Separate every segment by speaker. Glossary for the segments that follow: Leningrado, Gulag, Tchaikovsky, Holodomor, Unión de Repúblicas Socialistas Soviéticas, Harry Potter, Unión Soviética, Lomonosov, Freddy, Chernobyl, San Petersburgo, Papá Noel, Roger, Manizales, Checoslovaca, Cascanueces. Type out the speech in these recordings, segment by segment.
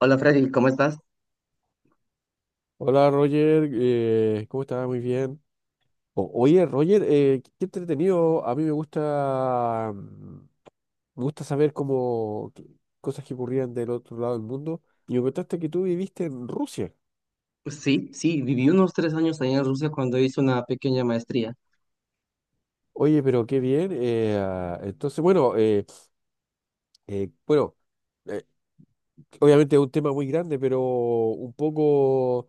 Speaker 1: Hola Freddy, ¿cómo estás?
Speaker 2: Hola Roger, ¿cómo estás? Muy bien. Oye, Roger, qué entretenido. A mí me gusta, me gusta saber cosas que ocurrían del otro lado del mundo. Y me contaste que tú viviste en Rusia.
Speaker 1: Sí, sí, viví unos 3 años allá en Rusia cuando hice una pequeña maestría.
Speaker 2: Oye, pero qué bien. Entonces, bueno, bueno, eh, obviamente es un tema muy grande, pero un poco.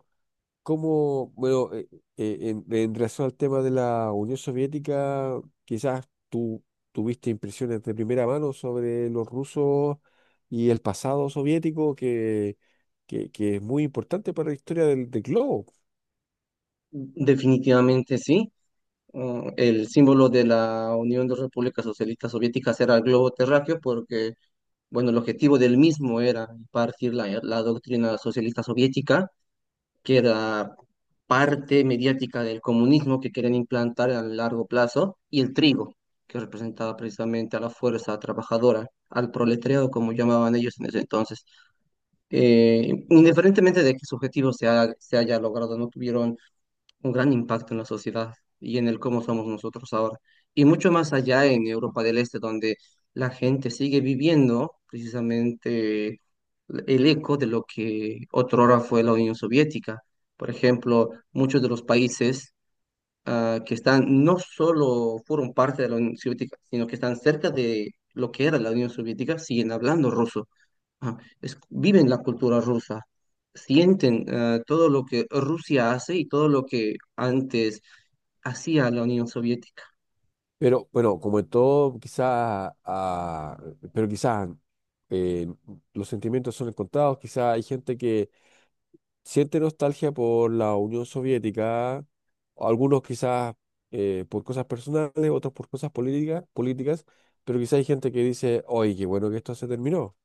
Speaker 2: Cómo, bueno, en relación al tema de la Unión Soviética, quizás tú tuviste impresiones de primera mano sobre los rusos y el pasado soviético, que, es muy importante para la historia del globo.
Speaker 1: Definitivamente sí. El símbolo de la Unión de Repúblicas Socialistas Soviéticas era el globo terráqueo porque, bueno, el objetivo del mismo era impartir la doctrina socialista soviética, que era parte mediática del comunismo que querían implantar a largo plazo, y el trigo, que representaba precisamente a la fuerza trabajadora, al proletariado, como llamaban ellos en ese entonces. Indiferentemente de qué su objetivo se haya logrado, no tuvieron un gran impacto en la sociedad y en el cómo somos nosotros ahora. Y mucho más allá en Europa del Este, donde la gente sigue viviendo precisamente el eco de lo que otrora fue la Unión Soviética. Por ejemplo, muchos de los países que están, no solo fueron parte de la Unión Soviética, sino que están cerca de lo que era la Unión Soviética, siguen hablando ruso, viven la cultura rusa, sienten, todo lo que Rusia hace y todo lo que antes hacía la Unión Soviética.
Speaker 2: Pero bueno, como en todo, quizás, pero quizás eh, los sentimientos son encontrados, quizás hay gente que siente nostalgia por la Unión Soviética, algunos quizás por cosas personales, otros por cosas políticas, pero quizás hay gente que dice, oye, qué bueno que esto se terminó.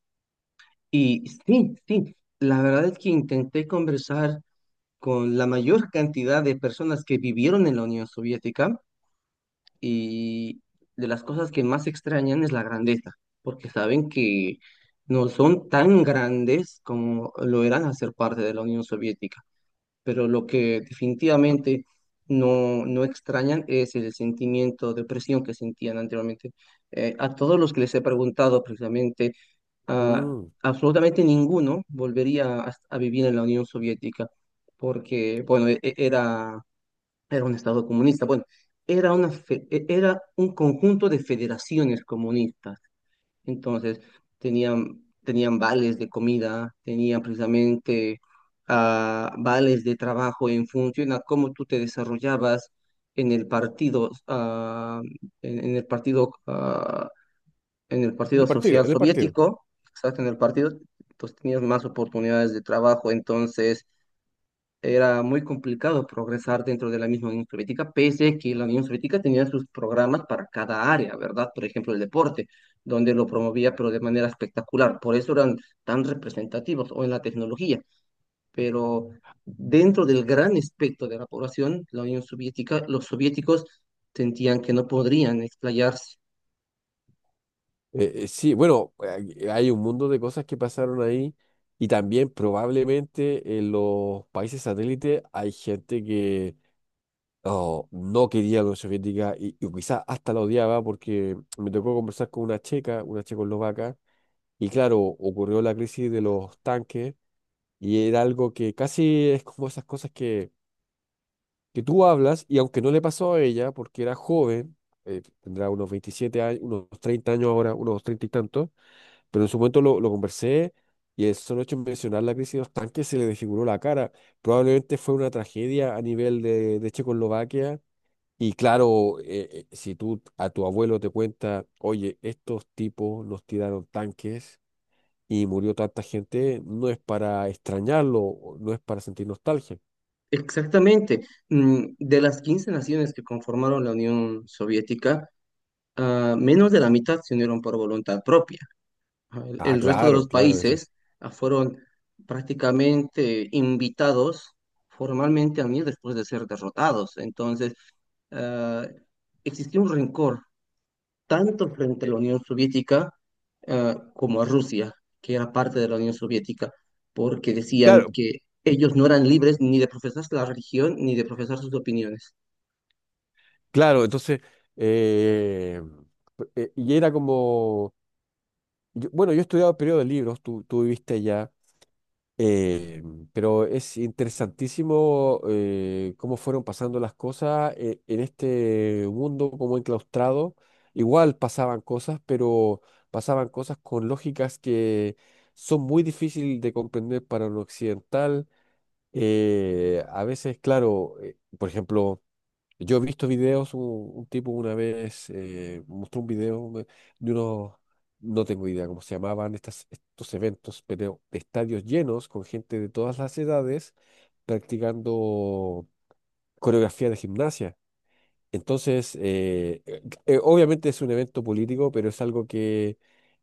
Speaker 1: Y sí, sí, la verdad es que intenté conversar con la mayor cantidad de personas que vivieron en la Unión Soviética, y de las cosas que más extrañan es la grandeza, porque saben que no son tan grandes como lo eran hacer parte de la Unión Soviética. Pero lo que definitivamente no, no extrañan es el sentimiento de opresión que sentían anteriormente. A todos los que les he preguntado precisamente, ah,
Speaker 2: Mm.
Speaker 1: absolutamente ninguno volvería a vivir en la Unión Soviética, porque, bueno, era, era un estado comunista, bueno, era, era un conjunto de federaciones comunistas. Entonces tenían vales de comida, tenían precisamente, vales de trabajo en función a cómo tú te desarrollabas en el partido, en el partido, en el
Speaker 2: En
Speaker 1: partido
Speaker 2: el partido,
Speaker 1: social
Speaker 2: en el partido.
Speaker 1: soviético, exacto, en el partido, pues tenías más oportunidades de trabajo. Entonces era muy complicado progresar dentro de la misma Unión Soviética, pese a que la Unión Soviética tenía sus programas para cada área, ¿verdad? Por ejemplo, el deporte, donde lo promovía, pero de manera espectacular. Por eso eran tan representativos, o en la tecnología. Pero dentro del gran espectro de la población, la Unión Soviética, los soviéticos sentían que no podrían explayarse.
Speaker 2: Sí, bueno, hay un mundo de cosas que pasaron ahí y también probablemente en los países satélites hay gente que, oh, no quería la Unión Soviética y, quizás hasta la odiaba porque me tocó conversar con una checa, una checoslovaca. Y claro, ocurrió la crisis de los tanques y era algo que casi es como esas cosas que tú hablas y aunque no le pasó a ella porque era joven, tendrá unos 27 años, unos 30 años ahora, unos 30 y tantos, pero en su momento lo conversé y el solo hecho de mencionar la crisis de los tanques se le desfiguró la cara. Probablemente fue una tragedia a nivel de Checoslovaquia. Y claro, si tú a tu abuelo te cuenta, oye, estos tipos nos tiraron tanques y murió tanta gente, no es para extrañarlo, o no es para sentir nostalgia.
Speaker 1: Exactamente. Mm, de las 15 naciones que conformaron la Unión Soviética, menos de la mitad se unieron por voluntad propia. El,
Speaker 2: Ah,
Speaker 1: el resto de los
Speaker 2: claro, claro, ese.
Speaker 1: países, fueron prácticamente invitados formalmente a mí después de ser derrotados. Entonces, ah, existía un rencor tanto frente a la Unión Soviética como a Rusia, que era parte de la Unión Soviética, porque decían
Speaker 2: Claro,
Speaker 1: que ellos no eran libres ni de profesar la religión ni de profesar sus opiniones.
Speaker 2: claro, entonces, eh, y era como, bueno, yo he estudiado periodo de libros, tú viviste allá. Eh, pero es interesantísimo, cómo fueron pasando las cosas, en este mundo como enclaustrado. Igual pasaban cosas, pero pasaban cosas con lógicas que son muy difíciles de comprender para un occidental. A veces, claro, por ejemplo, yo he visto videos, un tipo una vez mostró un video de unos, no tengo idea cómo se llamaban estos eventos, pero estadios llenos con gente de todas las edades practicando coreografía de gimnasia. Entonces, obviamente es un evento político, pero es algo que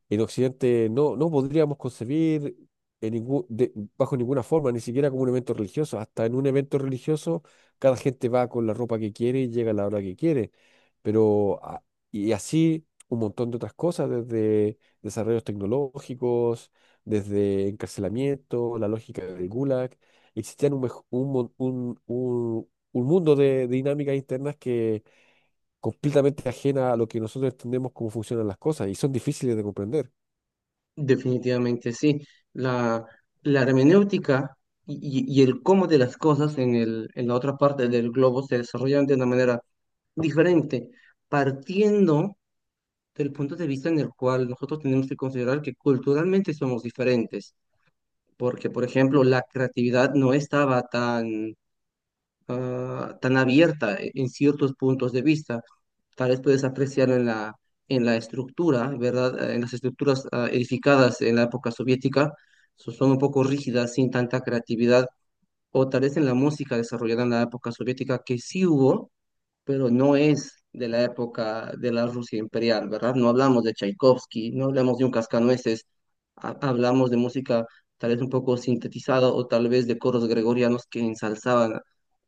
Speaker 2: en Occidente no podríamos concebir en ningún, de- bajo ninguna forma, ni siquiera como un evento religioso. Hasta en un evento religioso, cada gente va con la ropa que quiere y llega a la hora que quiere. Pero, a- y así un montón de otras cosas, desde desarrollos tecnológicos, desde encarcelamiento, la lógica del Gulag. Existían un, mej- un, mon- un mundo de dinámicas internas que completamente ajena a lo que nosotros entendemos cómo funcionan las cosas y son difíciles de comprender.
Speaker 1: Definitivamente sí. La, la hermenéutica y el cómo de las cosas en la otra parte del globo se desarrollan de una manera diferente, partiendo del punto de vista en el cual nosotros tenemos que considerar que culturalmente somos diferentes, porque, por ejemplo, la creatividad no estaba tan, tan abierta en ciertos puntos de vista. Tal vez puedes apreciar en en la estructura, ¿verdad? Ah, En las estructuras, edificadas en la época soviética, son un poco rígidas, sin tanta creatividad, o tal vez en la música desarrollada en la época soviética, que sí hubo, pero no es de la época de la Rusia imperial, ¿verdad? No hablamos de Tchaikovsky, no hablamos de un cascanueces, hablamos de música, tal vez un poco sintetizada, o tal vez de coros gregorianos que ensalzaban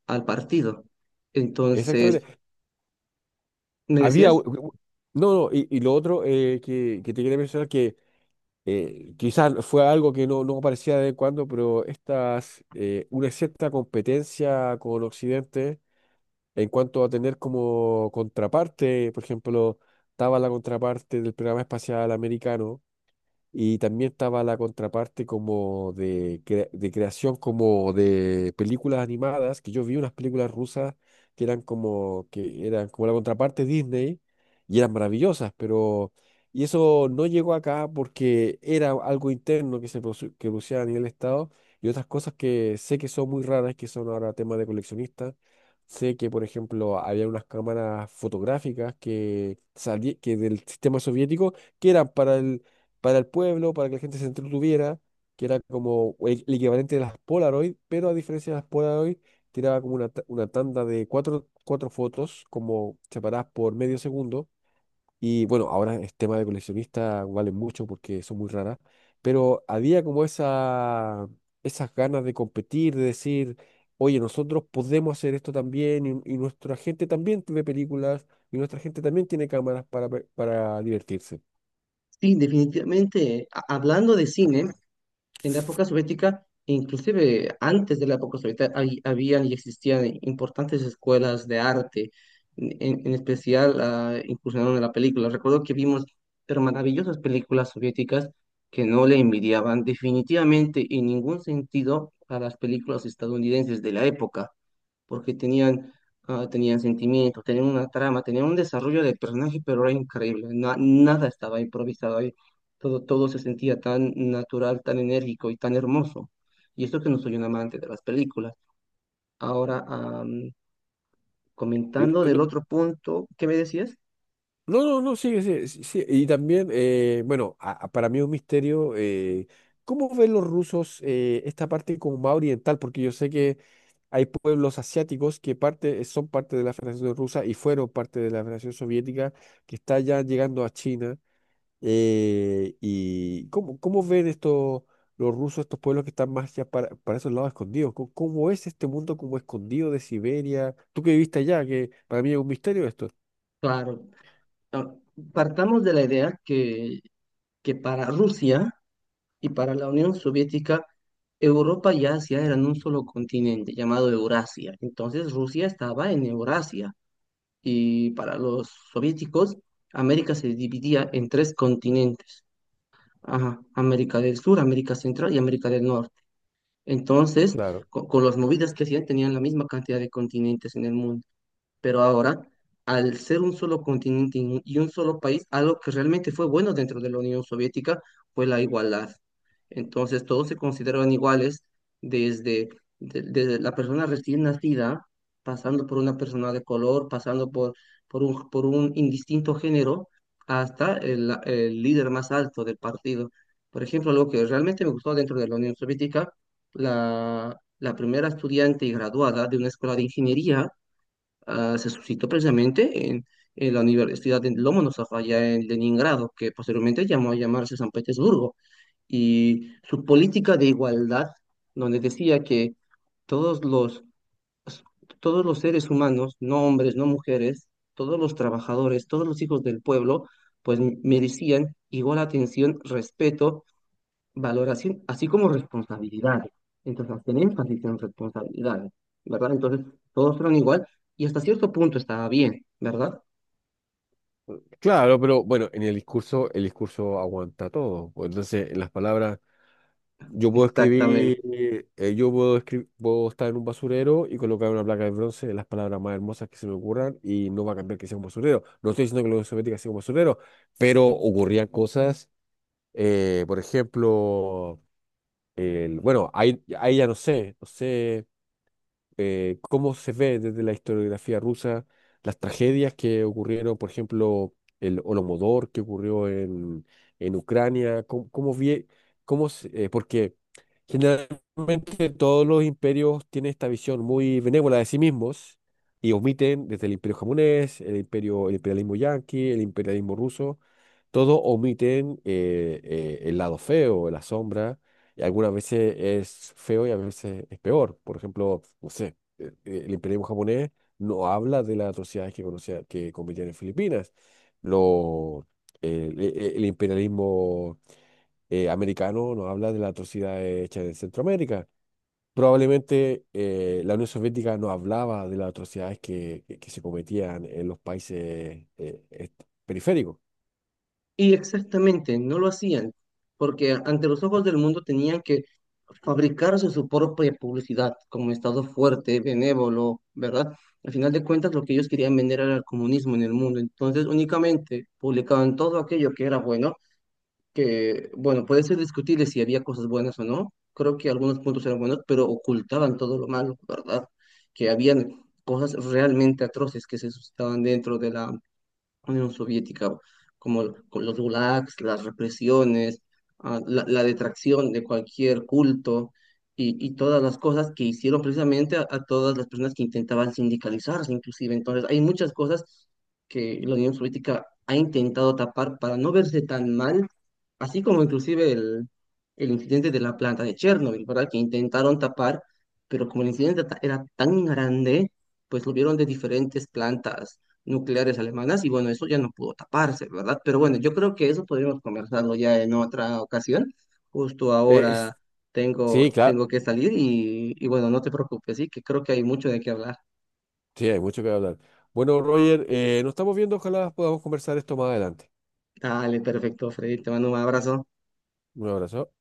Speaker 1: al partido. Entonces,
Speaker 2: Exactamente.
Speaker 1: ¿me
Speaker 2: Había, u-
Speaker 1: decías?
Speaker 2: u- no, no, y lo otro que te quería mencionar que quizás fue algo que no aparecía de vez en cuando, pero estas, una cierta competencia con Occidente en cuanto a tener como contraparte, por ejemplo, estaba la contraparte del programa espacial americano. Y también estaba la contraparte como de creación como de películas animadas, que yo vi unas películas rusas que eran como la contraparte Disney y eran maravillosas, pero y eso no llegó acá porque era algo interno que producía a nivel Estado y otras cosas que sé que son muy raras, que son ahora temas de coleccionistas. Sé que, por ejemplo, había unas cámaras fotográficas que del sistema soviético que eran para el pueblo, para que la gente se entretuviera, que era como el equivalente de las Polaroid, pero a diferencia de las Polaroid, tiraba como una tanda de cuatro fotos, como separadas por medio segundo. Y bueno, ahora es tema de coleccionista, valen mucho porque son muy raras, pero había como esas ganas de competir, de decir, oye, nosotros podemos hacer esto también y nuestra gente también ve películas y nuestra gente también tiene cámaras para divertirse.
Speaker 1: Sí, definitivamente, hablando de cine, en la época soviética, inclusive antes de la época soviética, habían y existían importantes escuelas de arte, en especial, incursionaron en la película. Recuerdo que vimos pero maravillosas películas soviéticas que no le envidiaban definitivamente en ningún sentido a las películas estadounidenses de la época, porque tenían, tenían sentimientos, tenían una trama, tenían un desarrollo del personaje, pero era increíble, nada estaba improvisado ahí, todo se sentía tan natural, tan enérgico y tan hermoso. Y esto que no soy un amante de las películas. Ahora,
Speaker 2: Eh,
Speaker 1: comentando del
Speaker 2: no-
Speaker 1: otro punto, ¿qué me decías?
Speaker 2: No, no, no, sí, sí, sí, sí. Y también, bueno, para mí es un misterio, ¿cómo ven los rusos, esta parte como más oriental? Porque yo sé que hay pueblos asiáticos que son parte de la Federación Rusa y fueron parte de la Federación Soviética, que está ya llegando a China. ¿Y cómo ven estos, los rusos, estos pueblos que están más ya para esos lados escondidos? ¿Cómo es este mundo como escondido de Siberia? Tú que viviste allá, que para mí es un misterio esto.
Speaker 1: Claro, ah, partamos de la idea que para Rusia, y para la Unión Soviética, Europa y Asia eran un solo continente llamado Eurasia. Entonces Rusia estaba en Eurasia y para los soviéticos, América se dividía en tres continentes. Ajá, América del Sur, América Central y América del Norte. Entonces,
Speaker 2: Claro.
Speaker 1: las movidas que hacían, tenían la misma cantidad de continentes en el mundo. Pero ahora, al ser un solo continente y un solo país, algo que realmente fue bueno dentro de la Unión Soviética fue la igualdad. Entonces, todos se consideraban iguales desde, desde la persona recién nacida, pasando por una persona de color, pasando por, por un indistinto género, hasta el líder más alto del partido. Por ejemplo, algo que realmente me gustó dentro de la Unión Soviética, la, la primera estudiante y graduada de una escuela de ingeniería, se suscitó precisamente en la Universidad de Lomonosov, allá en Leningrado, que posteriormente llamó a llamarse San Petersburgo, y su política de igualdad, donde decía que todos los, todos los seres humanos, no hombres, no mujeres, todos los trabajadores, todos los hijos del pueblo, pues merecían igual atención, respeto, valoración, así como responsabilidades. Entonces, hacen énfasis en responsabilidades, ¿verdad? Entonces, todos fueron igual y hasta cierto punto estaba bien, ¿verdad?
Speaker 2: Claro, pero bueno, en el discurso aguanta todo. Pues, entonces, en las palabras, yo puedo
Speaker 1: Exactamente.
Speaker 2: escribir, eh, yo puedo escribir, puedo estar en un basurero y colocar una placa de bronce de las palabras más hermosas que se me ocurran y no va a cambiar que sea un basurero. No estoy diciendo que la Unión Soviética sea un basurero, pero ocurrían cosas, por ejemplo, bueno, ahí ya no sé cómo se ve desde la historiografía rusa las tragedias que ocurrieron, por ejemplo, el Holodomor que ocurrió en, Ucrania, cómo, cómo vie- cómo se- porque generalmente todos los imperios tienen esta visión muy benévola de sí mismos y omiten desde el imperio japonés, el imperio, el imperialismo yanqui, el imperialismo ruso. Todos omiten el lado feo, la sombra, y algunas veces es feo y a veces es peor. Por ejemplo, no sé, el imperialismo japonés no habla de las atrocidades que cometían en Filipinas. Lo, el imperialismo americano no habla de las atrocidades hechas en Centroamérica. Probablemente la Unión Soviética no hablaba de las atrocidades que, que se cometían en los países periféricos.
Speaker 1: Y exactamente, no lo hacían, porque ante los ojos del mundo tenían que fabricarse su propia publicidad como Estado fuerte, benévolo, ¿verdad? Al final de cuentas, lo que ellos querían vender era el comunismo en el mundo. Entonces, únicamente publicaban todo aquello que era bueno, que, bueno, puede ser discutible si había cosas buenas o no. Creo que algunos puntos eran buenos, pero ocultaban todo lo malo, ¿verdad? Que habían cosas realmente atroces que se suscitaban dentro de la Unión Soviética, como con los gulags, las represiones, la detracción de cualquier culto, y todas las cosas que hicieron precisamente a todas las personas que intentaban sindicalizarse, inclusive. Entonces, hay muchas cosas que la Unión Soviética ha intentado tapar para no verse tan mal, así como inclusive el incidente de la planta de Chernobyl, ¿verdad? Que intentaron tapar, pero como el incidente era tan grande, pues lo vieron de diferentes plantas nucleares alemanas y bueno, eso ya no pudo taparse, ¿verdad? Pero bueno, yo creo que eso podríamos conversarlo ya en otra ocasión. Justo
Speaker 2: Eh, es-
Speaker 1: ahora
Speaker 2: Sí, claro,
Speaker 1: tengo que salir y bueno, no te preocupes, sí, que creo que hay mucho de qué hablar.
Speaker 2: sí, hay mucho que hablar. Bueno, Roger, nos estamos viendo. Ojalá podamos conversar esto más adelante.
Speaker 1: Dale, perfecto, Freddy, te mando un abrazo.
Speaker 2: Un abrazo.